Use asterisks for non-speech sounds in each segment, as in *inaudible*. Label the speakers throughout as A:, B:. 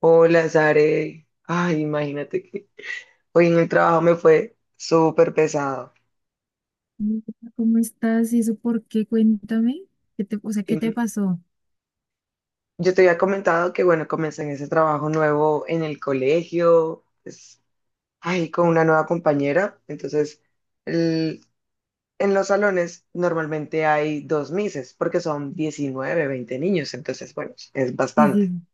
A: Hola, Sare. Ay, imagínate que hoy en el trabajo me fue súper pesado.
B: Hola, ¿cómo estás? ¿Y eso por qué? Cuéntame. O sea, ¿qué te
A: Y
B: pasó?
A: yo te había comentado que, bueno, comencé en ese trabajo nuevo en el colegio, pues, ay, con una nueva compañera. Entonces, el- en los salones normalmente hay dos mises, porque son 19, 20 niños. Entonces, bueno, es
B: Sí,
A: bastante.
B: sí.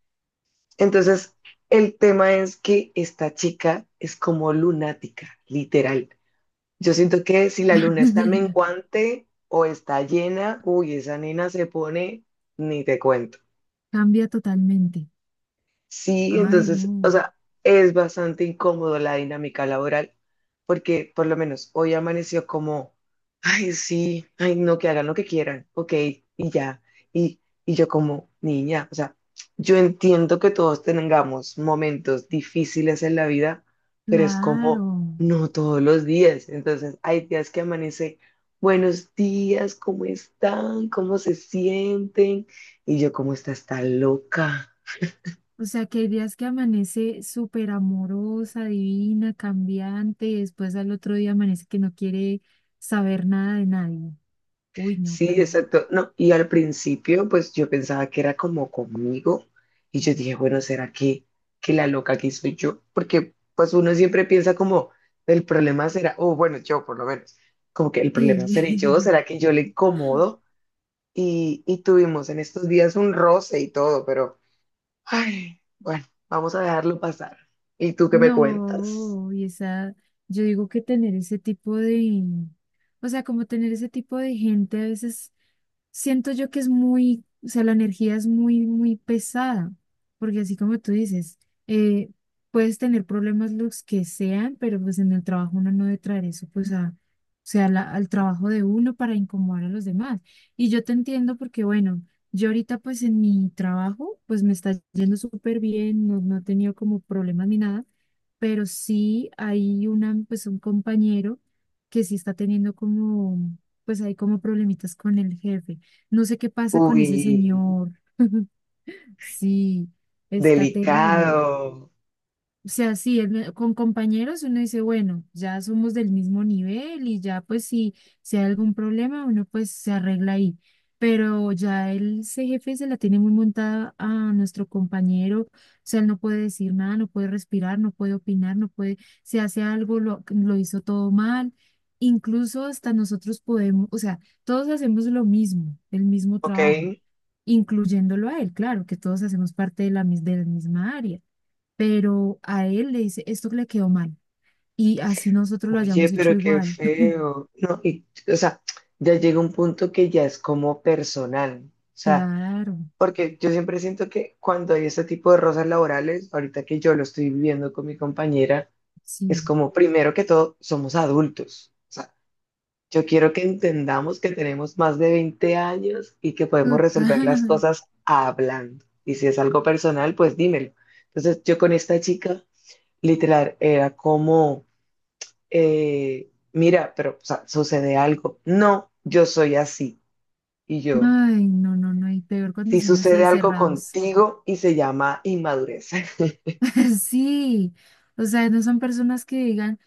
A: Entonces, el tema es que esta chica es como lunática, literal. Yo siento que si la luna está
B: Sí. *laughs*
A: menguante o está llena, uy, esa nena se pone, ni te cuento.
B: Cambia totalmente.
A: Sí,
B: Ay,
A: entonces, o
B: no.
A: sea, es bastante incómodo la dinámica laboral, porque por lo menos hoy amaneció como, ay, sí, ay, no, que hagan lo que quieran, ok, y ya. Y, y yo como niña, o sea, yo entiendo que todos tengamos momentos difíciles en la vida, pero es como,
B: Claro.
A: no todos los días. Entonces, hay días que amanece, buenos días, ¿cómo están? ¿Cómo se sienten? Y yo como, esta está loca.
B: O sea, que hay días que amanece súper amorosa, divina, cambiante, y después al otro día amanece que no quiere saber nada de nadie. Uy, no,
A: Sí,
B: pero
A: exacto. No, y al principio, pues yo pensaba que era como conmigo y yo dije, bueno, ¿será que la loca aquí soy yo? Porque pues uno siempre piensa como, el problema será, o bueno, yo por lo menos, como que el problema seré yo,
B: sí.
A: ¿será que yo le incomodo?
B: *laughs*
A: Y tuvimos en estos días un roce y todo, pero, ay, bueno, vamos a dejarlo pasar. ¿Y tú qué me cuentas?
B: No, y esa, yo digo que tener ese tipo de, o sea, como tener ese tipo de gente a veces siento yo que es muy, o sea, la energía es muy, muy pesada, porque así como tú dices, eh, puedes tener problemas los que sean, pero pues en el trabajo uno no debe traer eso, pues a, o sea, al trabajo de uno para incomodar a los demás. Y yo te entiendo porque, bueno, yo ahorita pues en mi trabajo, pues me está yendo súper bien, no, no he tenido como problemas ni nada, pero sí hay una, pues un compañero que sí está teniendo como, pues hay como problemitas con el jefe. No sé qué pasa con
A: Uy,
B: ese señor. Sí, está terrible.
A: delicado,
B: O sea, sí, con compañeros uno dice, bueno, ya somos del mismo nivel y ya pues si hay algún problema uno pues se arregla ahí. Pero ya el ese jefe se la tiene muy montada a nuestro compañero. O sea, él no puede decir nada, no puede respirar, no puede opinar, no puede, si hace algo lo hizo todo mal. Incluso hasta nosotros podemos, o sea, todos hacemos lo mismo, el mismo
A: ¿ok?
B: trabajo incluyéndolo a él, claro, que todos hacemos parte de la misma área, pero a él le dice, esto le quedó mal, y así nosotros lo
A: Oye,
B: hayamos hecho
A: pero qué
B: igual. *laughs*
A: feo. No, y, o sea, ya llega un punto que ya es como personal. O sea,
B: Claro,
A: porque yo siempre siento que cuando hay este tipo de rosas laborales, ahorita que yo lo estoy viviendo con mi compañera, es
B: sí,
A: como, primero que todo, somos adultos. O sea, yo quiero que entendamos que tenemos más de 20 años y que podemos resolver las
B: total.
A: cosas hablando. Y si es algo personal, pues dímelo. Entonces, yo con esta chica, literal, era como mira, pero o sea, sucede algo. No, yo soy así. Y yo,
B: Ay, no, no, no, y peor cuando
A: si
B: son así
A: sucede
B: de
A: algo
B: cerrados.
A: contigo y se llama inmadurez. *laughs*
B: *laughs* Sí, o sea, no son personas que digan,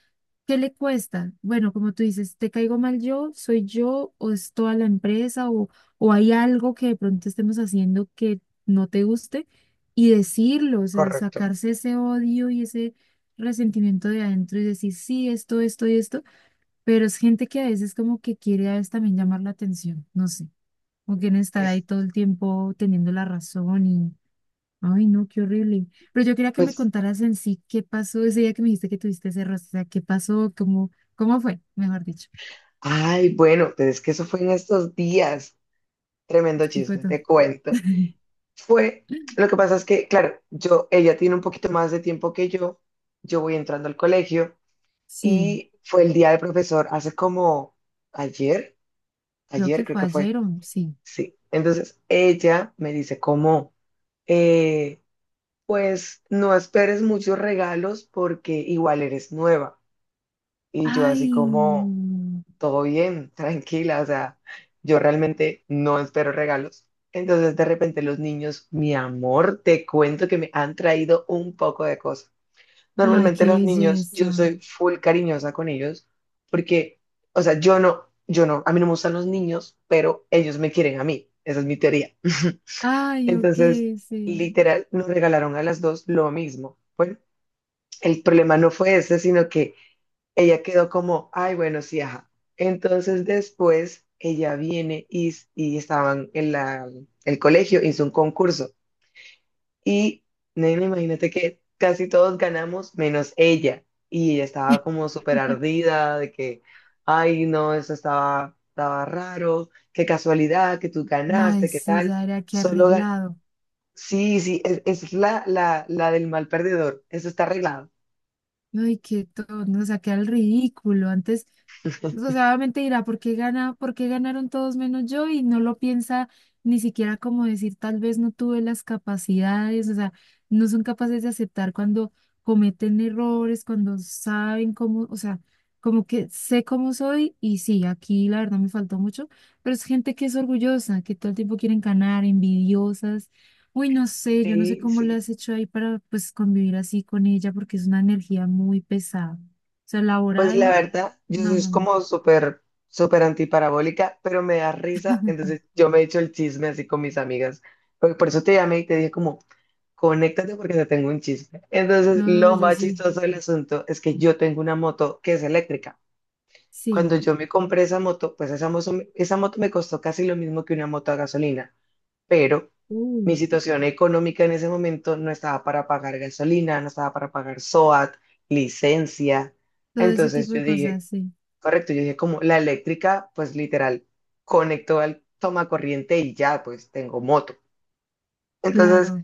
B: ¿qué le cuesta? Bueno, como tú dices, ¿te caigo mal yo? ¿Soy yo? ¿O es toda la empresa? O hay algo que de pronto estemos haciendo que no te guste? Y decirlo, o sea,
A: Correcto.
B: sacarse ese odio y ese resentimiento de adentro y decir, sí, esto y esto. Pero es gente que a veces como que quiere a veces también llamar la atención, no sé, o quieren estar ahí
A: Es,
B: todo el tiempo teniendo la razón. Ay, no, qué horrible. Pero yo quería que me
A: Pues,
B: contaras en sí qué pasó ese día que me dijiste que tuviste ese roce. O sea, qué pasó, cómo, cómo fue, mejor dicho.
A: ay, bueno, pero es que eso fue en estos días. Tremendo
B: Explico
A: chisme,
B: todo.
A: te cuento.
B: *laughs*
A: Fue, lo que pasa es que, claro, yo, ella tiene un poquito más de tiempo que yo. Yo voy entrando al colegio
B: Sí,
A: y fue el día del profesor hace como ayer,
B: creo
A: ayer
B: que
A: creo
B: fue
A: que fue.
B: ayer o no, sí.
A: Sí. Entonces ella me dice como eh, pues no esperes muchos regalos porque igual eres nueva. Y yo así
B: Ay,
A: como, todo bien, *laughs* tranquila, o sea, yo realmente no espero regalos. Entonces de repente los niños, mi amor, te cuento que me han traído un poco de cosas.
B: ay,
A: Normalmente
B: qué
A: los niños, yo
B: belleza.
A: soy full cariñosa con ellos porque, o sea, yo no, a mí no me gustan los niños, pero ellos me quieren a mí. Esa es mi teoría. *laughs*
B: Ay, ok,
A: Entonces,
B: sí.
A: literal, nos regalaron a las dos lo mismo. Bueno, el problema no fue ese, sino que ella quedó como, ay, bueno, sí, ajá. Entonces, después, ella viene y estaban en el colegio, hizo un concurso. Y, nena, imagínate que casi todos ganamos, menos ella. Y ella estaba como súper
B: *laughs*
A: ardida de que, ay, no, eso estaba raro, qué casualidad, que tú
B: Ay,
A: ganaste, qué
B: sí,
A: tal.
B: ya era que
A: Solo,
B: arreglado.
A: Sí, sí, es la, la del mal perdedor. Eso está arreglado.
B: Ay, qué tono nos saqué al ridículo. Antes, o sea, obviamente dirá, ¿por qué ganaron todos menos yo? Y no lo piensa ni siquiera como decir, tal vez no tuve las capacidades, o sea, no son capaces de aceptar cuando cometen errores, cuando saben cómo, o sea, como que sé cómo soy y sí, aquí la verdad me faltó mucho, pero es gente que es orgullosa, que todo el tiempo quieren ganar, envidiosas. Uy, no sé, yo no sé
A: Sí,
B: cómo le
A: sí.
B: has hecho ahí para pues convivir así con ella porque es una energía muy pesada. O sea,
A: Pues la
B: laboral,
A: verdad, yo
B: no,
A: soy
B: no, no.
A: como súper, súper antiparabólica, pero me da risa. Entonces
B: *laughs*
A: yo me he hecho el chisme así con mis amigas. Porque por eso te llamé y te dije como, conéctate porque te tengo un chisme. Entonces
B: No,
A: lo
B: yo
A: más
B: sí,
A: chistoso del asunto es que yo tengo una moto que es eléctrica. Cuando
B: sí.
A: yo me compré esa moto, pues esa moto me costó casi lo mismo que una moto a gasolina, pero mi
B: Uy,
A: situación económica en ese momento no estaba para pagar gasolina, no estaba para pagar SOAT, licencia.
B: todo ese
A: Entonces
B: tipo de
A: yo dije,
B: cosas, sí,
A: correcto, yo dije como la eléctrica, pues literal, conectó al toma corriente y ya, pues tengo moto. Entonces
B: claro.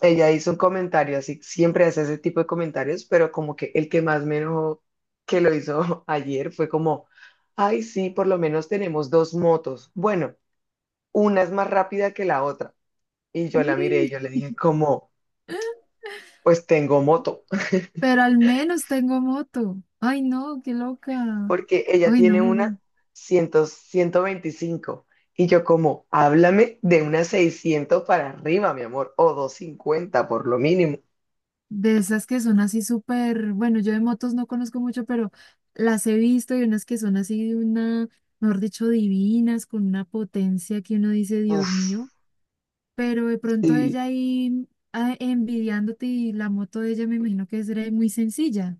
A: ella hizo un comentario, así siempre hace ese tipo de comentarios, pero como que el que más me enojó que lo hizo *laughs* ayer fue como, ay, sí, por lo menos tenemos dos motos. Bueno, una es más rápida que la otra. Y yo la miré y
B: Ay,
A: yo le dije, como, pues tengo moto,
B: pero al menos tengo moto. Ay, no, qué
A: *laughs*
B: loca.
A: porque ella
B: Ay, no,
A: tiene
B: no,
A: una
B: no.
A: 100, 125. Y yo como, háblame de una 600 para arriba, mi amor, o 250 por lo mínimo.
B: De esas que son así súper, bueno, yo de motos no conozco mucho, pero las he visto y unas que son así de una, mejor dicho, divinas, con una potencia que uno dice, Dios
A: Uf,
B: mío, pero de pronto ella
A: sí
B: ahí ah, envidiándote y la moto de ella me imagino que será muy sencilla.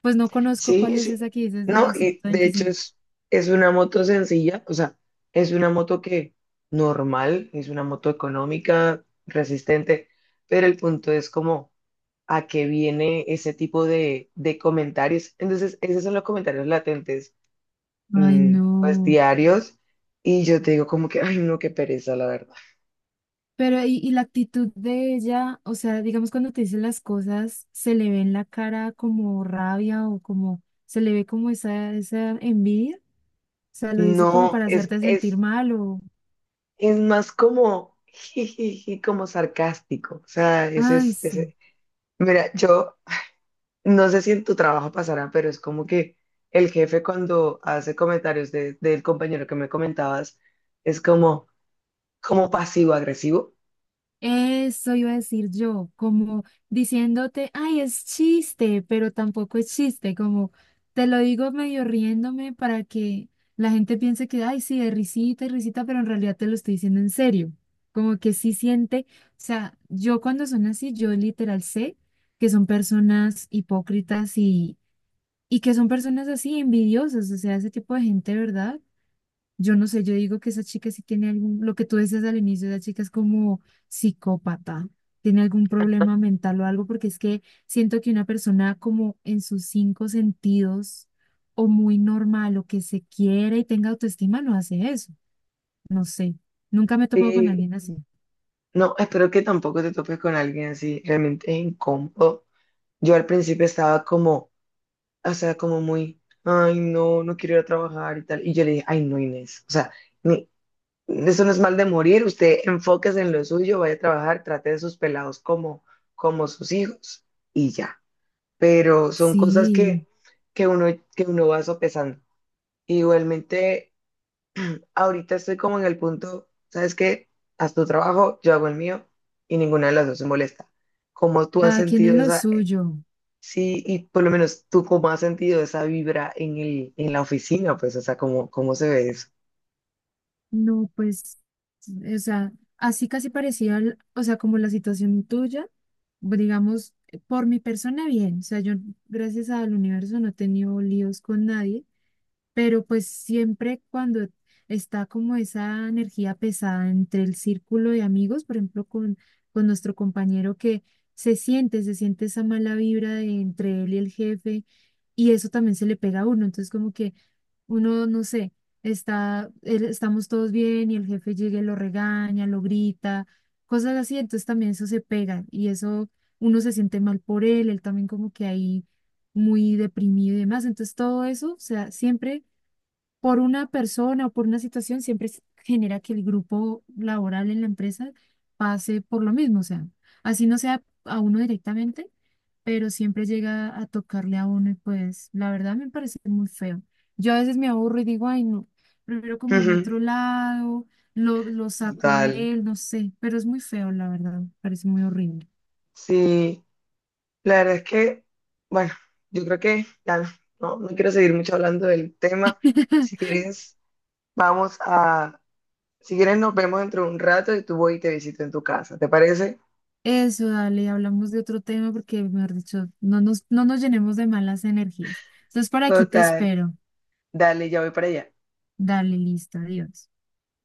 B: Pues no conozco
A: sí,
B: cuál es
A: sí.
B: esa que dices
A: No,
B: de
A: y
B: ciento
A: de hecho
B: veinticinco
A: es una moto sencilla, o sea, es una moto que normal, es una moto económica, resistente, pero el punto es como a qué viene ese tipo de comentarios. Entonces, esos son los comentarios latentes,
B: Ay,
A: mm, pues
B: no.
A: diarios, y yo te digo como que, ay, no, qué pereza, la verdad.
B: Pero y la actitud de ella, o sea, digamos cuando te dice las cosas, se le ve en la cara como rabia o como, se le ve como esa envidia, o sea, lo dice como
A: No,
B: para
A: es,
B: hacerte sentir
A: es,
B: mal o,
A: es más como, *laughs* jijiji, como sarcástico. O sea,
B: ay, sí.
A: ese. Mira, yo no sé si en tu trabajo pasará, pero es como que el jefe cuando hace comentarios del compañero que me comentabas, es como, como pasivo-agresivo.
B: Eso iba a decir yo, como diciéndote, ay, es chiste, pero tampoco es chiste, como te lo digo medio riéndome para que la gente piense que, ay, sí, de risita y risita, pero en realidad te lo estoy diciendo en serio, como que sí siente, o sea, yo cuando son así, yo literal sé que son personas hipócritas y que son personas así envidiosas, o sea, ese tipo de gente, ¿verdad? Yo no sé, yo digo que esa chica sí tiene algún, lo que tú decías al inicio, esa chica es como psicópata, tiene algún problema mental o algo, porque es que siento que una persona como en sus cinco sentidos o muy normal o que se quiere y tenga autoestima no hace eso, no sé, nunca me he topado con
A: Sí,
B: alguien así.
A: no, espero que tampoco te topes con alguien así, realmente es incómodo. Yo al principio estaba como, o sea, como muy, ay, no, no quiero ir a trabajar y tal. Y yo le dije, ay, no, Inés, o sea, ni- eso no es mal de morir, usted enfóquese en lo suyo, vaya a trabajar, trate de sus pelados como, como sus hijos y ya. Pero son cosas
B: Sí,
A: que, que uno, que uno va sopesando. Igualmente ahorita estoy como en el punto, ¿sabes qué? Haz tu trabajo, yo hago el mío y ninguna de las dos se molesta. ¿Cómo tú has
B: cada quien es
A: sentido
B: lo
A: esa,
B: suyo.
A: sí, y por lo menos tú cómo has sentido esa vibra en el, en la oficina, pues, o sea, cómo, ¿cómo se ve eso?
B: No, pues, o sea, así casi parecía, o sea, como la situación tuya, digamos, por mi persona bien, o sea, yo gracias al universo no he tenido líos con nadie, pero pues siempre cuando está como esa energía pesada entre el círculo de amigos, por ejemplo, con nuestro compañero que se siente esa mala vibra de entre él y el jefe, y eso también se le pega a uno, entonces como que uno, no sé, está, estamos todos bien y el jefe llega y lo regaña, lo grita, cosas así, entonces también eso se pega y eso uno se siente mal por él, él también como que ahí muy deprimido y demás, entonces todo eso, o sea, siempre por una persona o por una situación siempre genera que el grupo laboral en la empresa pase por lo mismo, o sea, así no sea a uno directamente, pero siempre llega a tocarle a uno y pues la verdad me parece muy feo. Yo a veces me aburro y digo, ay no, prefiero comerme
A: Ujú,
B: a otro lado, lo saco a
A: total.
B: él, no sé, pero es muy feo, la verdad, parece muy horrible.
A: Sí, la verdad es que, bueno, yo creo que ya no, no quiero seguir mucho hablando del tema. Si
B: *laughs*
A: quieres, vamos a, si quieres nos vemos dentro de un rato y tú voy y te visito en tu casa, ¿te parece?
B: Eso, dale, hablamos de otro tema porque, mejor dicho, no nos llenemos de malas energías. Entonces, por aquí te
A: Total.
B: espero.
A: Dale, ya voy para allá.
B: Dale, listo, adiós.